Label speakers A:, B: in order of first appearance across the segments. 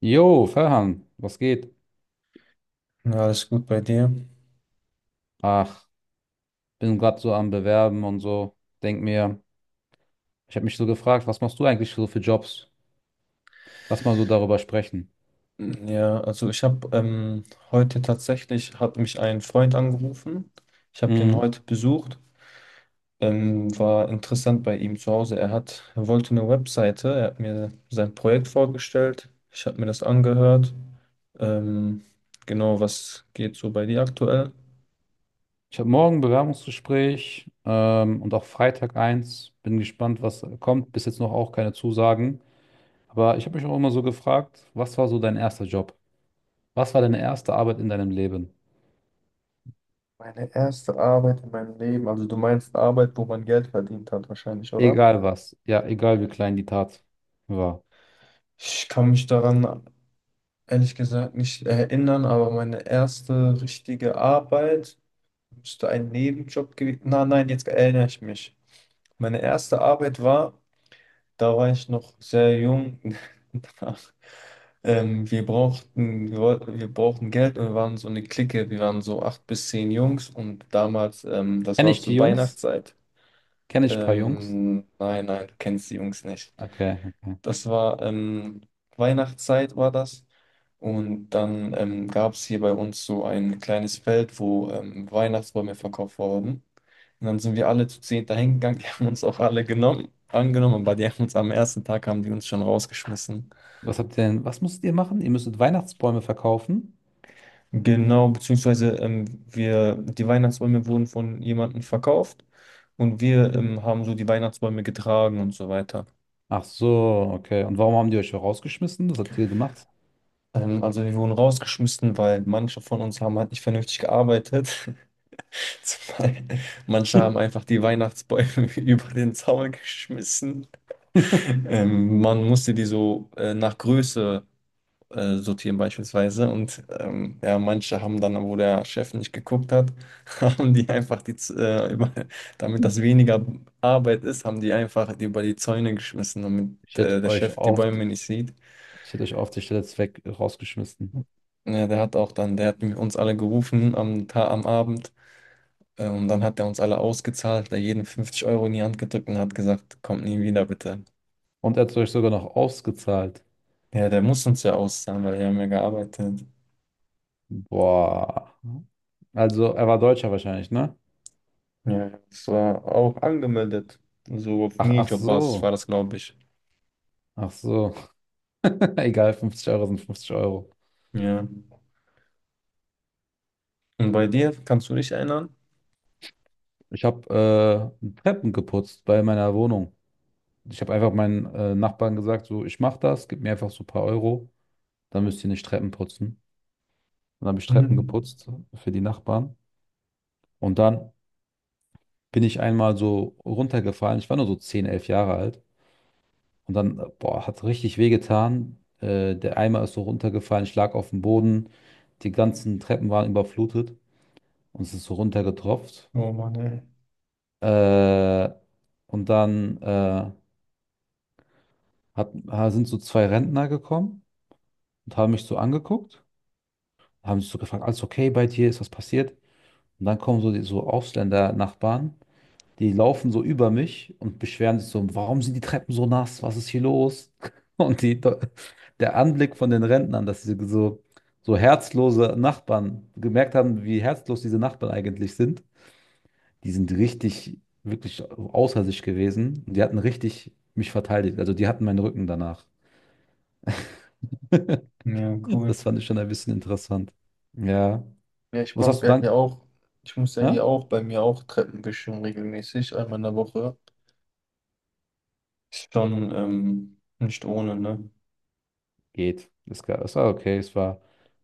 A: Jo, Ferhan, was geht?
B: Ja, alles gut bei dir.
A: Ach, bin gerade so am Bewerben und so. Denk mir, ich habe mich so gefragt, was machst du eigentlich so für Jobs? Lass mal so darüber sprechen.
B: Ja, also ich habe heute tatsächlich, hat mich ein Freund angerufen. Ich habe den
A: Mhm.
B: heute besucht. War interessant bei ihm zu Hause. Er wollte eine Webseite. Er hat mir sein Projekt vorgestellt. Ich habe mir das angehört. Ähm, genau, was geht so bei dir aktuell?
A: Ich habe morgen ein Bewerbungsgespräch, und auch Freitag eins. Bin gespannt, was kommt. Bis jetzt noch auch keine Zusagen. Aber ich habe mich auch immer so gefragt, was war so dein erster Job? Was war deine erste Arbeit in deinem Leben?
B: Meine erste Arbeit in meinem Leben, also du meinst Arbeit, wo man Geld verdient hat, wahrscheinlich, oder?
A: Egal was. Ja, egal wie klein die Tat war.
B: Ich kann mich daran ehrlich gesagt nicht erinnern, aber meine erste richtige Arbeit müsste ein Nebenjob gewesen. Na, nein, jetzt erinnere ich mich. Meine erste Arbeit war, da war ich noch sehr jung. da- wir wir brauchten Geld und wir waren so eine Clique. Wir waren so acht bis zehn Jungs und damals, das
A: Kenne
B: war
A: ich die
B: zur
A: Jungs?
B: Weihnachtszeit.
A: Kenne ich ein paar Jungs?
B: Nein, nein, du kennst die Jungs nicht.
A: Okay, okay.
B: Das war Weihnachtszeit war das. Und dann gab es hier bei uns so ein kleines Feld, wo Weihnachtsbäume verkauft wurden. Und dann sind wir alle zu zehn dahin gegangen. Die haben uns auch alle genommen, angenommen, aber die haben uns am ersten Tag haben die uns schon rausgeschmissen.
A: Was habt ihr denn, was musstet ihr machen? Ihr müsstet Weihnachtsbäume verkaufen.
B: Genau, beziehungsweise die Weihnachtsbäume wurden von jemandem verkauft und wir haben so die Weihnachtsbäume getragen und so weiter.
A: Ach so, okay. Und warum haben die euch rausgeschmissen? Was habt ihr gemacht?
B: Also wir wurden rausgeschmissen, weil manche von uns haben halt nicht vernünftig gearbeitet. Zwei. Manche haben einfach die Weihnachtsbäume über den Zaun geschmissen. Man musste die so nach Größe sortieren beispielsweise. Und ja, manche haben dann, wo der Chef nicht geguckt hat, haben die einfach die, über, damit das weniger Arbeit ist, haben die einfach die über die Zäune geschmissen, damit
A: Ich hätte
B: der
A: euch
B: Chef die
A: auf die,
B: Bäume nicht sieht.
A: ich hätte euch auf der Stelle weg rausgeschmissen.
B: Ja, der hat auch dann, der hat uns alle gerufen am Abend. Und dann hat er uns alle ausgezahlt, da jeden 50 € in die Hand gedrückt und hat gesagt, kommt nie wieder, bitte.
A: Und er hat euch sogar noch ausgezahlt.
B: Ja, der muss uns ja auszahlen, weil wir haben ja gearbeitet.
A: Boah. Also, er war Deutscher wahrscheinlich, ne?
B: Ja, ja, das war auch angemeldet. So auf
A: Ach, ach
B: Minijobbasis war
A: so.
B: das, glaube ich.
A: Ach so. Egal, 50 Euro sind 50 Euro.
B: Ja. Und bei dir, kannst du dich erinnern?
A: Ich habe Treppen geputzt bei meiner Wohnung. Ich habe einfach meinen Nachbarn gesagt, so, ich mache das, gib mir einfach so ein paar Euro, dann müsst ihr nicht Treppen putzen. Dann habe ich Treppen
B: Hm.
A: geputzt für die Nachbarn. Und dann bin ich einmal so runtergefallen. Ich war nur so 10 11 Jahre alt. Und dann, boah, hat richtig wehgetan. Der Eimer ist so runtergefallen. Ich lag auf dem Boden. Die ganzen Treppen waren überflutet. Und es ist so runtergetropft.
B: Oh Mann, ey.
A: Äh, und dann sind so zwei Rentner gekommen und haben mich so angeguckt. Haben sich so gefragt, alles okay bei dir? Ist was passiert? Und dann kommen so die so Ausländer-Nachbarn. Die laufen so über mich und beschweren sich so, warum sind die Treppen so nass? Was ist hier los? Und die, der Anblick von den Rentnern, dass sie so, so herzlose Nachbarn gemerkt haben, wie herzlos diese Nachbarn eigentlich sind, die sind richtig, wirklich außer sich gewesen. Und die hatten richtig mich verteidigt. Also die hatten meinen Rücken danach.
B: Ja, cool.
A: Das fand ich schon ein bisschen interessant. Ja.
B: Ja,
A: Was hast du dann?
B: ich muss ja
A: Hä?
B: hier auch bei mir auch Treppen wischen regelmäßig, einmal in der Woche. Ist schon nicht ohne, ne?
A: Geht. Es war okay. Es war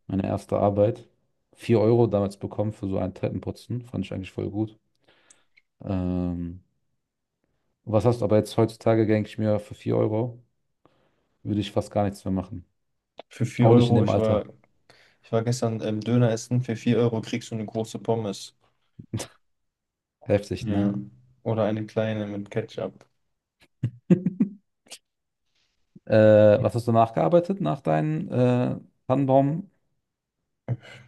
A: meine erste Arbeit. 4 Euro damals bekommen für so einen Treppenputzen. Fand ich eigentlich voll gut. Ähm, Was hast du aber jetzt heutzutage, denke ich mir, für 4 Euro würde ich fast gar nichts mehr machen.
B: Für 4
A: Auch nicht in
B: Euro,
A: dem
B: ich war
A: Alter.
B: Ich war gestern Döner essen. Für 4 Euro kriegst du eine große Pommes.
A: Heftig, ne?
B: Ja. Oder eine kleine mit Ketchup.
A: Was hast du nachgearbeitet nach deinem Tannenbaum?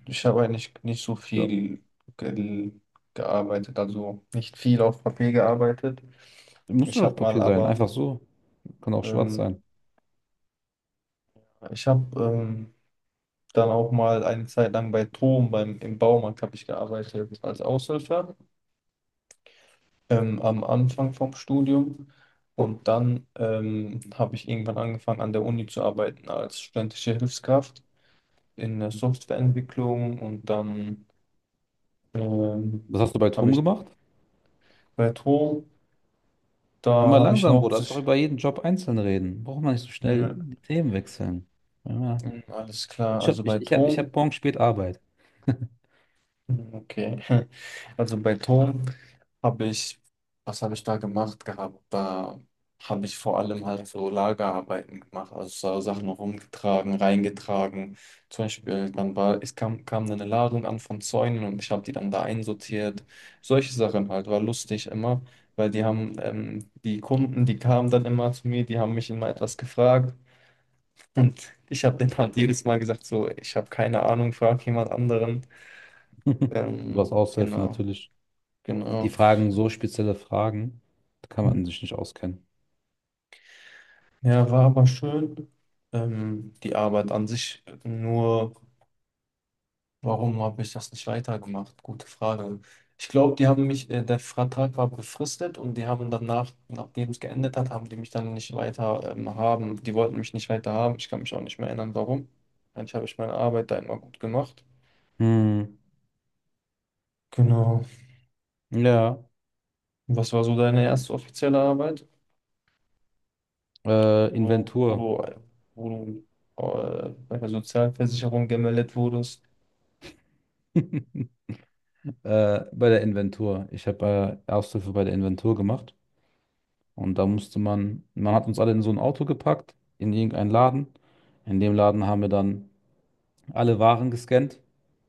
B: Ich habe eigentlich nicht so
A: Ja.
B: viel ge gearbeitet, also nicht viel auf Papier gearbeitet.
A: Muss
B: Ich
A: doch
B: habe mal
A: Papier sein,
B: aber,
A: einfach so. Kann auch schwarz
B: ähm,
A: sein.
B: ich habe dann auch mal eine Zeit lang bei Tom, im Baumarkt habe ich gearbeitet als Aushilfe am Anfang vom Studium. Und dann habe ich irgendwann angefangen an der Uni zu arbeiten als studentische Hilfskraft in der Softwareentwicklung, und dann ähm,
A: Was hast du bei
B: habe
A: Tom
B: ich
A: gemacht?
B: bei Tom, da
A: Immer
B: habe ich
A: langsam, Bruder. Lass doch
B: hauptsächlich,
A: über jeden Job einzeln reden. Braucht man nicht so schnell
B: ne,
A: die Themen wechseln. Ja.
B: alles klar,
A: Ich habe
B: also bei
A: ich, ich hab
B: Tom.
A: morgen spät Arbeit.
B: Okay. Also bei Ton habe ich, was habe ich da gemacht gehabt? Da habe ich vor allem halt so Lagerarbeiten gemacht, also so Sachen rumgetragen, reingetragen. Zum Beispiel, es kam, dann eine Ladung an von Zäunen und ich habe die dann da einsortiert. Solche Sachen halt, war lustig immer, weil die Kunden, die kamen dann immer zu mir, die haben mich immer etwas gefragt. Ich habe denen halt jedes Mal gesagt, so, ich habe keine Ahnung, frag jemand anderen.
A: Du
B: Ähm,
A: hast Aushilfe
B: genau.
A: natürlich. Die
B: Genau.
A: fragen so spezielle Fragen, da kann man sich nicht auskennen.
B: Ja, war aber schön. Die Arbeit an sich, nur warum habe ich das nicht weitergemacht? Gute Frage. Ich glaube, die haben mich, der Vertrag war befristet und die haben danach, nachdem es geendet hat, haben die mich dann nicht weiter, haben. Die wollten mich nicht weiter haben. Ich kann mich auch nicht mehr erinnern, warum. Eigentlich habe ich meine Arbeit da immer gut gemacht.
A: Hm.
B: Genau.
A: Ja,
B: Was war so deine erste offizielle Arbeit, wo, wo
A: Inventur.
B: du, äh, wo du bei der Sozialversicherung gemeldet wurdest?
A: Bei der Inventur. Ich habe Aushilfe bei der Inventur gemacht. Und da musste man, man hat uns alle in so ein Auto gepackt, in irgendeinen Laden. In dem Laden haben wir dann alle Waren gescannt,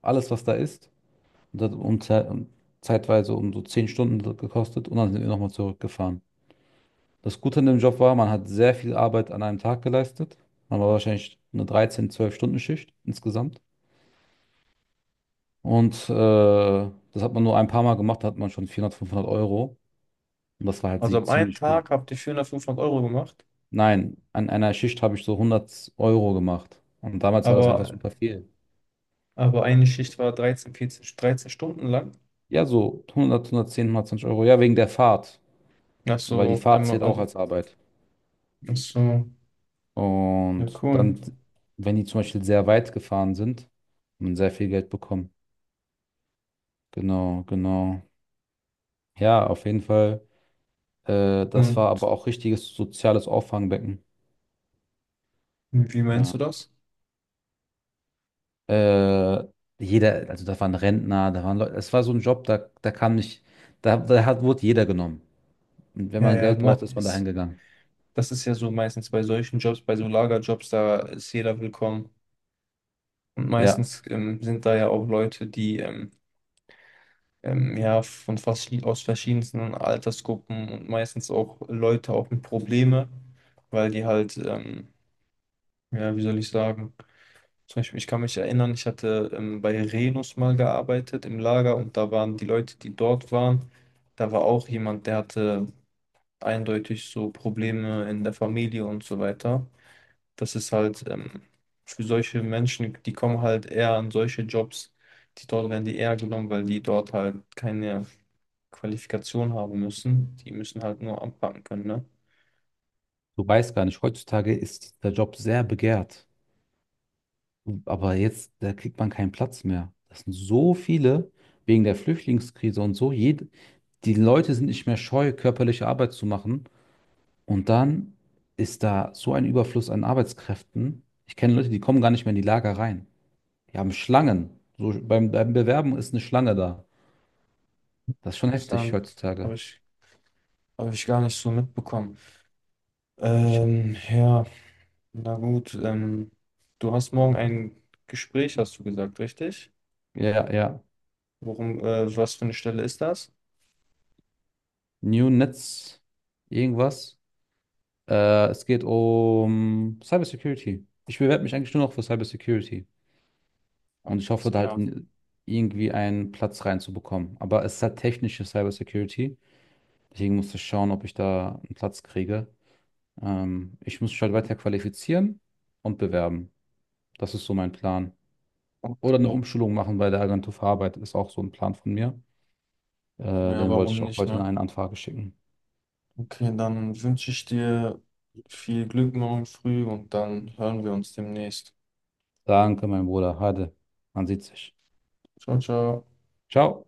A: alles, was da ist. Und das hat zeitweise um so 10 Stunden gekostet. Und dann sind wir nochmal zurückgefahren. Das Gute an dem Job war, man hat sehr viel Arbeit an einem Tag geleistet. Man war wahrscheinlich eine 13, 12-Stunden-Schicht insgesamt. Und das hat man nur ein paar Mal gemacht, da hat man schon 400, 500 Euro. Und das war halt
B: Also am einen
A: ziemlich gut.
B: Tag habt ihr 400, 500 € gemacht,
A: Nein, an einer Schicht habe ich so 100 Euro gemacht. Und damals war das einfach
B: aber,
A: super viel.
B: aber eine Schicht war 13, 14, 13 Stunden lang.
A: Ja, so 100, 110, 120 Euro. Ja, wegen der Fahrt.
B: Ach
A: Weil die
B: so,
A: Fahrt
B: einmal,
A: zählt auch
B: also,
A: als Arbeit.
B: ach so, ja
A: Und
B: cool.
A: dann, wenn die zum Beispiel sehr weit gefahren sind, haben man sehr viel Geld bekommen. Genau, genau. Ja, auf jeden Fall. Das war
B: Und
A: aber auch richtiges soziales Auffangbecken.
B: wie meinst
A: Ja.
B: du das?
A: Äh, Jeder, also da waren Rentner, da waren Leute, es war so ein Job, da, da kam nicht, da, da hat, wurde jeder genommen. Und wenn
B: Ja,
A: man
B: ja,
A: Geld braucht, ist man dahin gegangen.
B: das ist ja so meistens bei solchen Jobs, bei so Lagerjobs, da ist jeder willkommen. Und
A: Ja,
B: meistens sind da ja auch Leute, die ja von verschied aus verschiedensten Altersgruppen und meistens auch Leute auch mit Probleme, weil die halt, ja, wie soll ich sagen, zum Beispiel, ich kann mich erinnern, ich hatte bei Renus mal gearbeitet im Lager und da waren die Leute, die dort waren, da war auch jemand, der hatte eindeutig so Probleme in der Familie und so weiter. Das ist halt für solche Menschen, die kommen halt eher an solche Jobs, die dort werden die eher genommen, weil die dort halt keine Qualifikation haben müssen. Die müssen halt nur anpacken können, ne?
A: du weißt gar nicht, heutzutage ist der Job sehr begehrt. Aber jetzt, da kriegt man keinen Platz mehr. Das sind so viele wegen der Flüchtlingskrise und so. Die Leute sind nicht mehr scheu, körperliche Arbeit zu machen. Und dann ist da so ein Überfluss an Arbeitskräften. Ich kenne Leute, die kommen gar nicht mehr in die Lager rein. Die haben Schlangen. Beim Bewerben ist eine Schlange da. Das ist schon heftig
B: Interessant,
A: heutzutage.
B: habe ich gar nicht so mitbekommen.
A: Ich,
B: Ja. Na gut, du hast morgen ein Gespräch, hast du gesagt, richtig?
A: ja, ja.
B: Was für eine Stelle ist das?
A: New Netz, irgendwas. Es geht um Cybersecurity. Ich bewerbe mich eigentlich nur noch für Cybersecurity. Und ich hoffe,
B: Ist
A: da halt
B: klar.
A: irgendwie einen Platz reinzubekommen. Aber es ist halt technische Cybersecurity. Deswegen muss ich schauen, ob ich da einen Platz kriege. Ich muss mich halt weiter qualifizieren und bewerben. Das ist so mein Plan. Oder eine
B: Okay.
A: Umschulung machen bei der Agentur für Arbeit ist auch so ein Plan von mir. Äh,
B: Ja,
A: Den wollte ich
B: warum
A: auch
B: nicht,
A: heute in
B: ne?
A: eine Anfrage schicken.
B: Okay, dann wünsche ich dir viel Glück morgen früh und dann hören wir uns demnächst.
A: Danke, mein Bruder. Hade. Man sieht sich.
B: Ciao, ciao.
A: Ciao.